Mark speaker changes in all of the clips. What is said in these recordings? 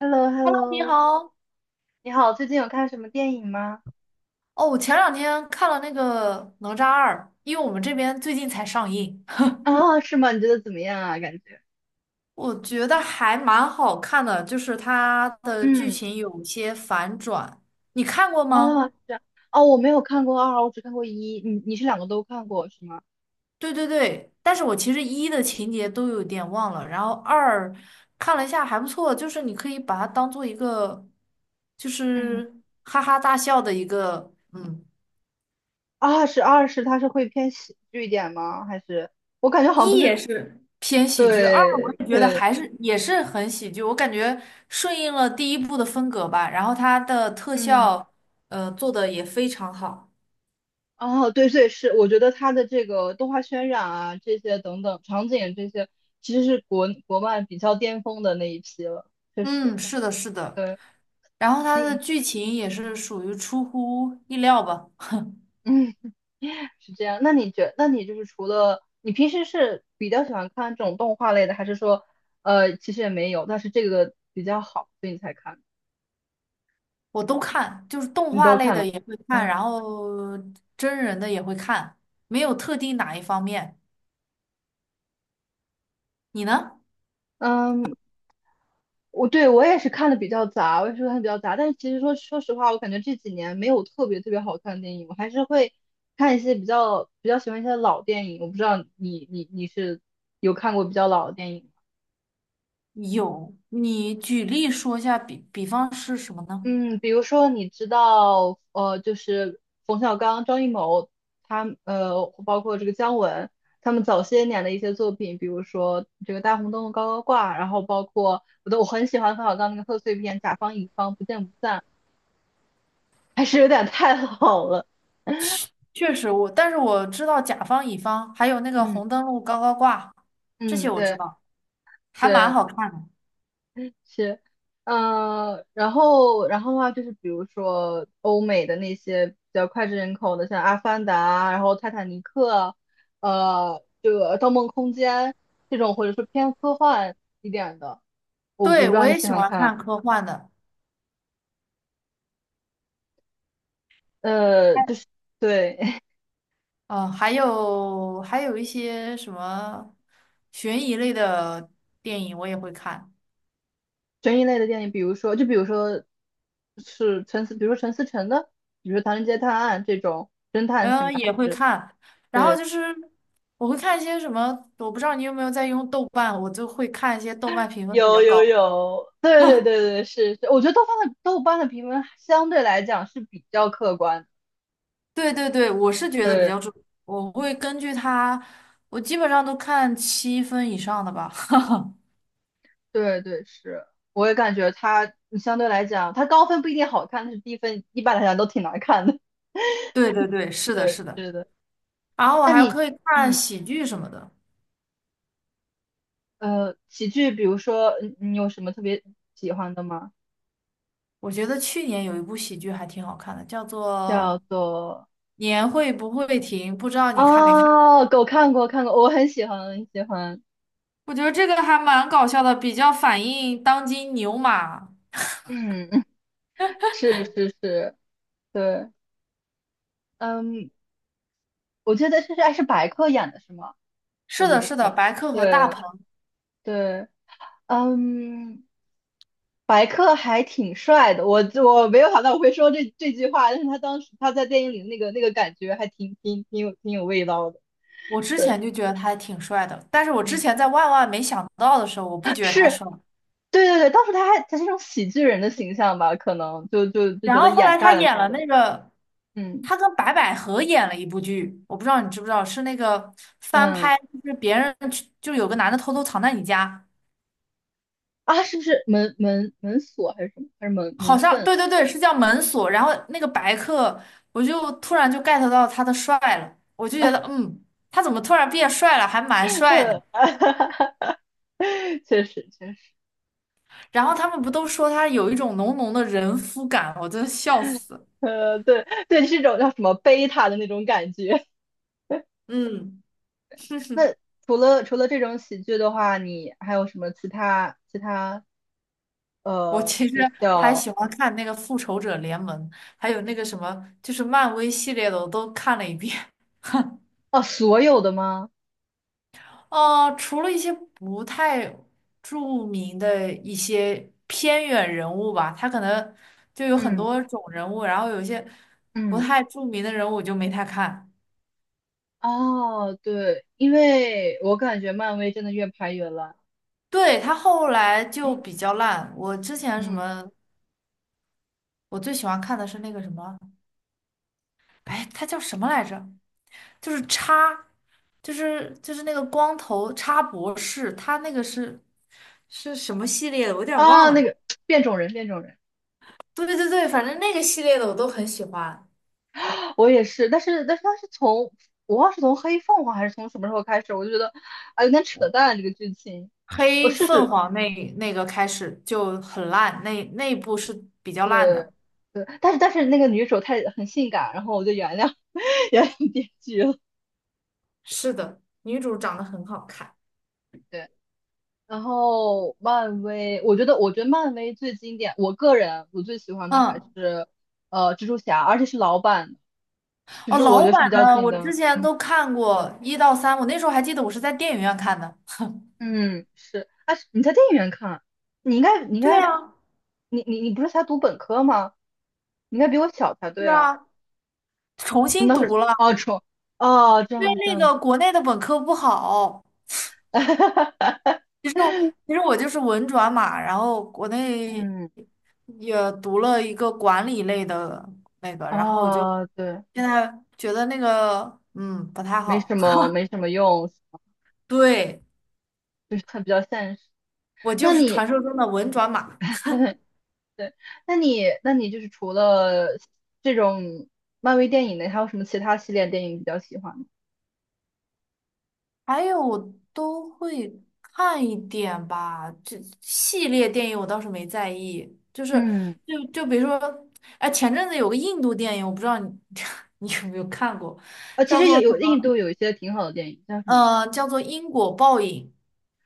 Speaker 1: h e l l o h e l
Speaker 2: Hello，
Speaker 1: l
Speaker 2: 你
Speaker 1: o
Speaker 2: 好。
Speaker 1: 你好，最近有看什么电影吗？
Speaker 2: 哦，我前两天看了那个《哪吒二》，因为我们这边最近才上映，
Speaker 1: 啊，是吗？你觉得怎么样啊？感觉，
Speaker 2: 我觉得还蛮好看的，就是它的剧
Speaker 1: 嗯，
Speaker 2: 情有些反转。你看过吗？
Speaker 1: 啊是，样，哦，我没有看过二，我只看过一。你是两个都看过是吗？
Speaker 2: 对对对，但是我其实一的情节都有点忘了，然后二看了一下还不错，就是你可以把它当做一个就
Speaker 1: 嗯，
Speaker 2: 是哈哈大笑的一个
Speaker 1: 二是它是会偏喜剧一点吗？还是我感觉好像不
Speaker 2: 一
Speaker 1: 是，
Speaker 2: 也是偏喜剧，二我
Speaker 1: 对
Speaker 2: 也觉得
Speaker 1: 对，
Speaker 2: 还是也是很喜剧，我感觉顺应了第一部的风格吧，然后它的特
Speaker 1: 嗯，
Speaker 2: 效，做的也非常好。
Speaker 1: 哦，对对是，我觉得它的这个动画渲染啊，这些等等场景这些，其实是国漫比较巅峰的那一批了，确实，
Speaker 2: 嗯，是的，是的，
Speaker 1: 对，
Speaker 2: 然后它的
Speaker 1: 嗯
Speaker 2: 剧情也是属于出乎意料吧，
Speaker 1: 嗯。是这样。那你就是除了你平时是比较喜欢看这种动画类的，还是说，其实也没有，但是这个比较好，所以你才看，
Speaker 2: 我都看，就是动
Speaker 1: 你
Speaker 2: 画
Speaker 1: 都
Speaker 2: 类
Speaker 1: 看了？
Speaker 2: 的也会看，
Speaker 1: 嗯
Speaker 2: 然后真人的也会看，没有特定哪一方面。你呢？
Speaker 1: 嗯，我对我也是看的比较杂，我也是看的比较杂。但是其实说实话，我感觉这几年没有特别特别好看的电影，我还是会看一些比较喜欢一些老电影。我不知道你是有看过比较老的电影吗？
Speaker 2: 有，你举例说一下，比方是什么呢？
Speaker 1: 嗯，比如说你知道，就是冯小刚、张艺谋，包括这个姜文，他们早些年的一些作品，比如说这个《大红灯笼高高挂》，然后包括我很喜欢冯小刚那个贺岁片《甲方乙方不见不散》，还是有点太 老了。
Speaker 2: 确实我，但是我知道甲方乙方，还有那个
Speaker 1: 嗯
Speaker 2: 红灯笼高高挂，这些
Speaker 1: 嗯，
Speaker 2: 我知
Speaker 1: 对
Speaker 2: 道，还蛮
Speaker 1: 对。
Speaker 2: 好看的。
Speaker 1: 是，嗯、然后的话就是，比如说欧美的那些比较脍炙人口的，像《阿凡达》，然后《泰坦尼克》，这个《盗梦空间》这种，或者说偏科幻一点的，我不
Speaker 2: 对，
Speaker 1: 知
Speaker 2: 我
Speaker 1: 道你
Speaker 2: 也
Speaker 1: 喜
Speaker 2: 喜
Speaker 1: 欢
Speaker 2: 欢看
Speaker 1: 看，
Speaker 2: 科幻的，
Speaker 1: 就是对
Speaker 2: 还有一些什么悬疑类的电影我也会看，
Speaker 1: 悬疑类的电影，比如说，就比如说是陈思，比如说陈思诚的，比如说《唐人街探案》这种侦探型
Speaker 2: 嗯、
Speaker 1: 的，还
Speaker 2: 也会
Speaker 1: 是
Speaker 2: 看。然后
Speaker 1: 对。
Speaker 2: 就是我会看一些什么，我不知道你有没有在用豆瓣，我就会看一些豆瓣评分比
Speaker 1: 有
Speaker 2: 较
Speaker 1: 有
Speaker 2: 高。
Speaker 1: 有，对对对对，是是，我觉得豆瓣的评分相对来讲是比较客观的。
Speaker 2: 对对对，我是觉得比
Speaker 1: 对
Speaker 2: 较重，我会根据他，我基本上都看七分以上的吧。哈哈，
Speaker 1: 对对，是，我也感觉它相对来讲，它高分不一定好看，但是低分一般来讲都挺难看的。
Speaker 2: 对对对，是的，
Speaker 1: 对，
Speaker 2: 是的。
Speaker 1: 是的。
Speaker 2: 然后我
Speaker 1: 那
Speaker 2: 还
Speaker 1: 你，
Speaker 2: 可以看
Speaker 1: 嗯
Speaker 2: 喜剧什么的。
Speaker 1: 喜剧，比如说你有什么特别喜欢的吗？
Speaker 2: 我觉得去年有一部喜剧还挺好看的，叫
Speaker 1: 叫
Speaker 2: 做
Speaker 1: 做
Speaker 2: 《年会不会停》，不知道你看没看？
Speaker 1: 啊，狗看过看过，我很喜欢很喜欢。
Speaker 2: 我觉得这个还蛮搞笑的，比较反映当今牛马。
Speaker 1: 嗯，是是是，对，嗯，我觉得这是还是白客演的是吗？我
Speaker 2: 是
Speaker 1: 觉
Speaker 2: 的，
Speaker 1: 得
Speaker 2: 是的，
Speaker 1: 是，
Speaker 2: 白客和大
Speaker 1: 对
Speaker 2: 鹏，
Speaker 1: 对，嗯，白客还挺帅的，我没有想到我会说这句话，但是他当时在电影里那个感觉还挺有味道的，
Speaker 2: 我之
Speaker 1: 对，
Speaker 2: 前就觉得他还挺帅的，但是我之
Speaker 1: 嗯，
Speaker 2: 前在万万没想到的时候，我不觉得他
Speaker 1: 是，
Speaker 2: 帅。
Speaker 1: 对对对，当时他是一种喜剧人的形象吧，可能就
Speaker 2: 然
Speaker 1: 觉得
Speaker 2: 后后
Speaker 1: 掩
Speaker 2: 来他
Speaker 1: 盖了
Speaker 2: 演
Speaker 1: 他
Speaker 2: 了
Speaker 1: 的，
Speaker 2: 那个，
Speaker 1: 嗯
Speaker 2: 他跟白百合演了一部剧，我不知道你知不知道，是那个翻
Speaker 1: 嗯。
Speaker 2: 拍，就是别人去就有个男的偷偷藏在你家，
Speaker 1: 啊，是不是门锁还是什么？还是门
Speaker 2: 好
Speaker 1: 门
Speaker 2: 像
Speaker 1: 缝？
Speaker 2: 对对对，是叫门锁。然后那个白客，我就突然就 get 到他的帅了，我就觉得他怎么突然变帅了，还蛮帅的。
Speaker 1: 确实，确实。
Speaker 2: 然后他们不都说他有一种浓浓的人夫感，我真的笑死。
Speaker 1: 对对，是种叫什么贝塔的那种感觉。
Speaker 2: 嗯。
Speaker 1: 那除了这种喜剧的话，你还有什么其他
Speaker 2: 我其实
Speaker 1: 比
Speaker 2: 还
Speaker 1: 较，
Speaker 2: 喜欢看那个《复仇者联盟》，还有那个什么，就是漫威系列的，我都看了一遍。
Speaker 1: 哦，所有的吗？
Speaker 2: 除了一些不太著名的一些偏远人物吧，他可能就有很
Speaker 1: 嗯
Speaker 2: 多种人物，然后有一些不
Speaker 1: 嗯，
Speaker 2: 太著名的人物我就没太看。
Speaker 1: 哦，对，因为我感觉漫威真的越拍越烂。
Speaker 2: 对，他后来就比较烂。我之前什
Speaker 1: 嗯，
Speaker 2: 么，我最喜欢看的是那个什么，哎，他叫什么来着？就是叉，就是那个光头叉博士，他那个是什么系列的？我有点忘
Speaker 1: 啊，那
Speaker 2: 了。
Speaker 1: 个变种人，变种人，
Speaker 2: 对对对，反正那个系列的我都很喜欢。
Speaker 1: 我也是，但是他是从我忘了是从黑凤凰还是从什么时候开始，我就觉得啊有点扯淡这个剧情。我
Speaker 2: 黑
Speaker 1: 试
Speaker 2: 凤
Speaker 1: 试。
Speaker 2: 凰那个开始就很烂，那一部是比较烂的。
Speaker 1: 对对，但是那个女主太很性感，然后我就原谅 原谅编剧了。
Speaker 2: 是的，女主长得很好看。
Speaker 1: 对，然后漫威，我觉得漫威最经典，我个人我最喜欢的还
Speaker 2: 嗯，
Speaker 1: 是蜘蛛侠，而且是老版的，就
Speaker 2: 哦，
Speaker 1: 是我觉
Speaker 2: 老
Speaker 1: 得是比
Speaker 2: 版
Speaker 1: 较
Speaker 2: 呢，
Speaker 1: 紧
Speaker 2: 我之
Speaker 1: 的。
Speaker 2: 前
Speaker 1: 嗯
Speaker 2: 都看过一到三，我那时候还记得我是在电影院看的。
Speaker 1: 嗯，是。啊，你在电影院看，你应该你应
Speaker 2: 对
Speaker 1: 该
Speaker 2: 啊，
Speaker 1: 你不是才读本科吗？你应该比我小才对
Speaker 2: 是
Speaker 1: 啊。
Speaker 2: 啊，重新
Speaker 1: 那是
Speaker 2: 读了，
Speaker 1: 哦，哦，这
Speaker 2: 因
Speaker 1: 样
Speaker 2: 为
Speaker 1: 子这样
Speaker 2: 那
Speaker 1: 子。
Speaker 2: 个国内的本科不好。
Speaker 1: 哈哈哈
Speaker 2: 其实我其实我就是文转码，然后国内
Speaker 1: 嗯。
Speaker 2: 也读了一个管理类的那个，然后我就
Speaker 1: 啊，对，
Speaker 2: 现在觉得那个不太
Speaker 1: 没什
Speaker 2: 好。
Speaker 1: 么没什么用，
Speaker 2: 对，
Speaker 1: 就是它比较现实。
Speaker 2: 我就
Speaker 1: 那
Speaker 2: 是
Speaker 1: 你，
Speaker 2: 传说中的文转码，
Speaker 1: 对，那你就是除了这种漫威电影呢，还有什么其他系列电影比较喜欢吗？
Speaker 2: 还有我都会看一点吧。这系列电影我倒是没在意，就是
Speaker 1: 嗯，
Speaker 2: 就比如说，哎，前阵子有个印度电影，我不知道你 你有没有看过，
Speaker 1: 啊，其实印度有一些挺好的电影，叫什么？
Speaker 2: 叫做《因果报应》，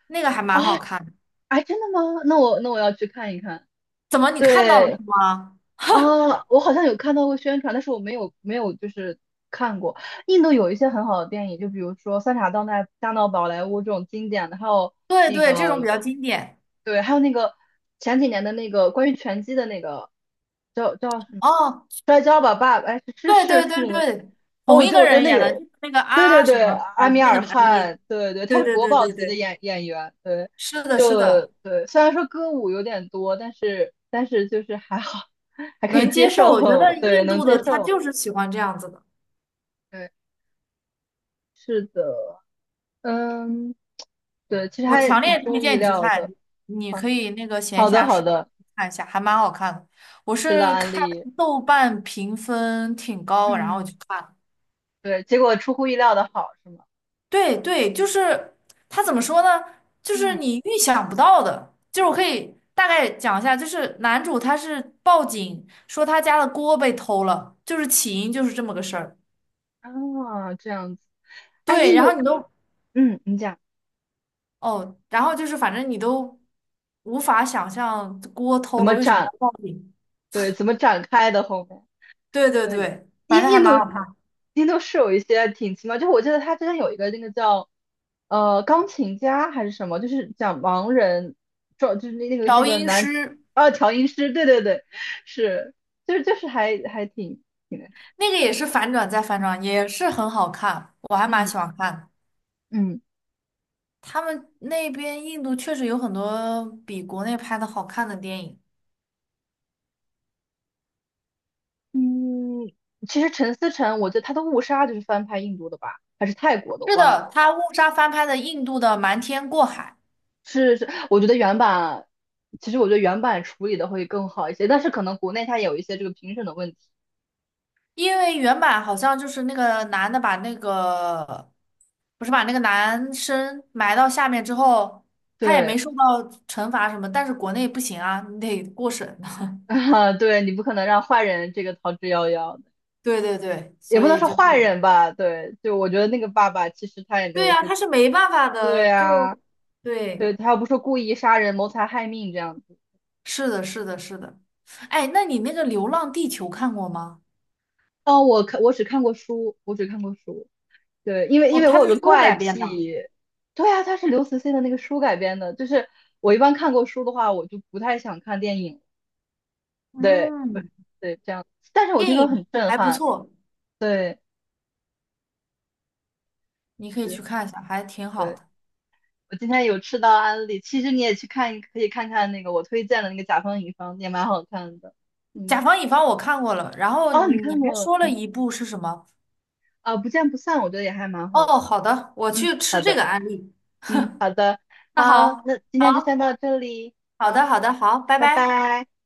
Speaker 2: 那个还
Speaker 1: 啊，
Speaker 2: 蛮好看的。
Speaker 1: 哎，真的吗？那我那我要去看一看。
Speaker 2: 怎么你看到了
Speaker 1: 对，
Speaker 2: 是吗？
Speaker 1: 啊，我好像有看到过宣传，但是我没有就是看过。印度有一些很好的电影，就比如说《三傻大闹宝莱坞》这种经典的，还有
Speaker 2: 对
Speaker 1: 那
Speaker 2: 对，这种比
Speaker 1: 个
Speaker 2: 较经典。
Speaker 1: 对，还有那个前几年的那个关于拳击的那个叫什么
Speaker 2: 哦，
Speaker 1: 《摔跤吧，爸爸》？哎，是是
Speaker 2: 对
Speaker 1: 是
Speaker 2: 对
Speaker 1: 是
Speaker 2: 对
Speaker 1: 那个
Speaker 2: 对，
Speaker 1: 哦，
Speaker 2: 同
Speaker 1: 我
Speaker 2: 一
Speaker 1: 觉得
Speaker 2: 个
Speaker 1: 我觉得
Speaker 2: 人
Speaker 1: 那
Speaker 2: 演的，就
Speaker 1: 个
Speaker 2: 是那个
Speaker 1: 对对
Speaker 2: 啊什
Speaker 1: 对，
Speaker 2: 么
Speaker 1: 阿
Speaker 2: 啊
Speaker 1: 米
Speaker 2: 那个
Speaker 1: 尔
Speaker 2: 男的演。
Speaker 1: 汗，对对，他
Speaker 2: 对
Speaker 1: 是
Speaker 2: 对
Speaker 1: 国
Speaker 2: 对
Speaker 1: 宝
Speaker 2: 对
Speaker 1: 级的
Speaker 2: 对，
Speaker 1: 演员，对，
Speaker 2: 是的，是
Speaker 1: 就
Speaker 2: 的，
Speaker 1: 对，虽然说歌舞有点多，但是就是还好，还可以
Speaker 2: 能
Speaker 1: 接
Speaker 2: 接受。我觉
Speaker 1: 受，
Speaker 2: 得
Speaker 1: 对，
Speaker 2: 印
Speaker 1: 能
Speaker 2: 度
Speaker 1: 接
Speaker 2: 的他
Speaker 1: 受，
Speaker 2: 就是喜欢这样子的，
Speaker 1: 对，是的，嗯，对，其实
Speaker 2: 我
Speaker 1: 还
Speaker 2: 强
Speaker 1: 挺
Speaker 2: 烈
Speaker 1: 出
Speaker 2: 推
Speaker 1: 乎意
Speaker 2: 荐你去
Speaker 1: 料
Speaker 2: 看，
Speaker 1: 的，
Speaker 2: 你
Speaker 1: 好，
Speaker 2: 可以那个闲
Speaker 1: 好的
Speaker 2: 暇
Speaker 1: 好
Speaker 2: 时
Speaker 1: 的，
Speaker 2: 看一下，还蛮好看的。我
Speaker 1: 知道
Speaker 2: 是
Speaker 1: 安
Speaker 2: 看
Speaker 1: 利，
Speaker 2: 豆瓣评分挺高，然后我
Speaker 1: 嗯，
Speaker 2: 去看。
Speaker 1: 对，结果出乎意料的好是吗？
Speaker 2: 对对，就是他怎么说呢？就是
Speaker 1: 嗯，
Speaker 2: 你预想不到的，就是我可以大概讲一下，就是男主他是报警说他家的锅被偷了，就是起因就是这么个事儿。
Speaker 1: 啊，这样子，哎，
Speaker 2: 对，
Speaker 1: 印
Speaker 2: 然后
Speaker 1: 度，
Speaker 2: 你都
Speaker 1: 嗯，你讲
Speaker 2: 哦，然后就是反正你都无法想象锅
Speaker 1: 怎
Speaker 2: 偷了
Speaker 1: 么
Speaker 2: 为什么
Speaker 1: 展，
Speaker 2: 要报警。
Speaker 1: 对，怎么展开的后面？
Speaker 2: 对对
Speaker 1: 对，
Speaker 2: 对，反
Speaker 1: 印
Speaker 2: 正还
Speaker 1: 印
Speaker 2: 蛮
Speaker 1: 度
Speaker 2: 好看。
Speaker 1: 印度是有一些挺奇妙，就是我记得他之前有一个那个叫钢琴家还是什么，就是讲盲人，就是那那个那
Speaker 2: 调
Speaker 1: 个
Speaker 2: 音师
Speaker 1: 啊调音师，对对对，是，就是还挺那
Speaker 2: 那个也是反转再反
Speaker 1: 嗯
Speaker 2: 转，也是很好看，我还蛮
Speaker 1: 嗯
Speaker 2: 喜欢看的。
Speaker 1: 嗯
Speaker 2: 他们那边印度确实有很多比国内拍的好看的电影。
Speaker 1: 嗯，其实陈思诚，我觉得他的《误杀》就是翻拍印度的吧，还是泰国的，我
Speaker 2: 是
Speaker 1: 忘了。
Speaker 2: 的，他误杀翻拍的印度的《瞒天过海》，
Speaker 1: 是是，我觉得原版，其实我觉得原版处理的会更好一些，但是可能国内它有一些这个评审的问题。
Speaker 2: 因为原版好像就是那个男的把那个，不是把那个男生埋到下面之后，他也
Speaker 1: 对。
Speaker 2: 没受到惩罚什么，但是国内不行啊，你得过审的。
Speaker 1: 啊，对你不可能让坏人这个逃之夭夭的，
Speaker 2: 对对对，
Speaker 1: 也
Speaker 2: 所
Speaker 1: 不能
Speaker 2: 以
Speaker 1: 说
Speaker 2: 就是，
Speaker 1: 坏人吧，对，就我觉得那个爸爸其实他也没
Speaker 2: 对
Speaker 1: 有
Speaker 2: 呀，
Speaker 1: 说，
Speaker 2: 他是没办法的，
Speaker 1: 对啊，
Speaker 2: 就对，
Speaker 1: 对他又不是故意杀人、谋财害命这样子。
Speaker 2: 是的，是的，是的。哎，那你那个《流浪地球》看过吗？
Speaker 1: 哦，我只看过书，我只看过书，对，因为因
Speaker 2: 哦，
Speaker 1: 为我
Speaker 2: 它
Speaker 1: 有
Speaker 2: 是
Speaker 1: 个
Speaker 2: 书
Speaker 1: 怪
Speaker 2: 改编的，
Speaker 1: 癖，对啊，它是刘慈欣的那个书改编的，就是我一般看过书的话，我就不太想看电影，对，
Speaker 2: 嗯，
Speaker 1: 对，这样，但是我听
Speaker 2: 电
Speaker 1: 说很
Speaker 2: 影
Speaker 1: 震
Speaker 2: 还不
Speaker 1: 撼，
Speaker 2: 错，
Speaker 1: 对，
Speaker 2: 你可以
Speaker 1: 是。
Speaker 2: 去看一下，还挺好
Speaker 1: 对。
Speaker 2: 的。
Speaker 1: 我今天有吃到安利，其实你也去看，可以看看那个我推荐的那个《甲方乙方》，也蛮好看的。
Speaker 2: 甲
Speaker 1: 嗯，
Speaker 2: 方乙方我看过了，然后
Speaker 1: 哦，你
Speaker 2: 你
Speaker 1: 看
Speaker 2: 还
Speaker 1: 过
Speaker 2: 说了一部是什么？
Speaker 1: 啊？不见不散，我觉得也还蛮好
Speaker 2: 哦，
Speaker 1: 的。
Speaker 2: 好的，我
Speaker 1: 嗯，
Speaker 2: 去吃
Speaker 1: 好
Speaker 2: 这
Speaker 1: 的，
Speaker 2: 个案例。
Speaker 1: 嗯，好的，
Speaker 2: 那
Speaker 1: 好，
Speaker 2: 好，
Speaker 1: 那今天就先到这里，
Speaker 2: 好
Speaker 1: 好，
Speaker 2: 的，好的，好，拜
Speaker 1: 拜
Speaker 2: 拜。
Speaker 1: 拜。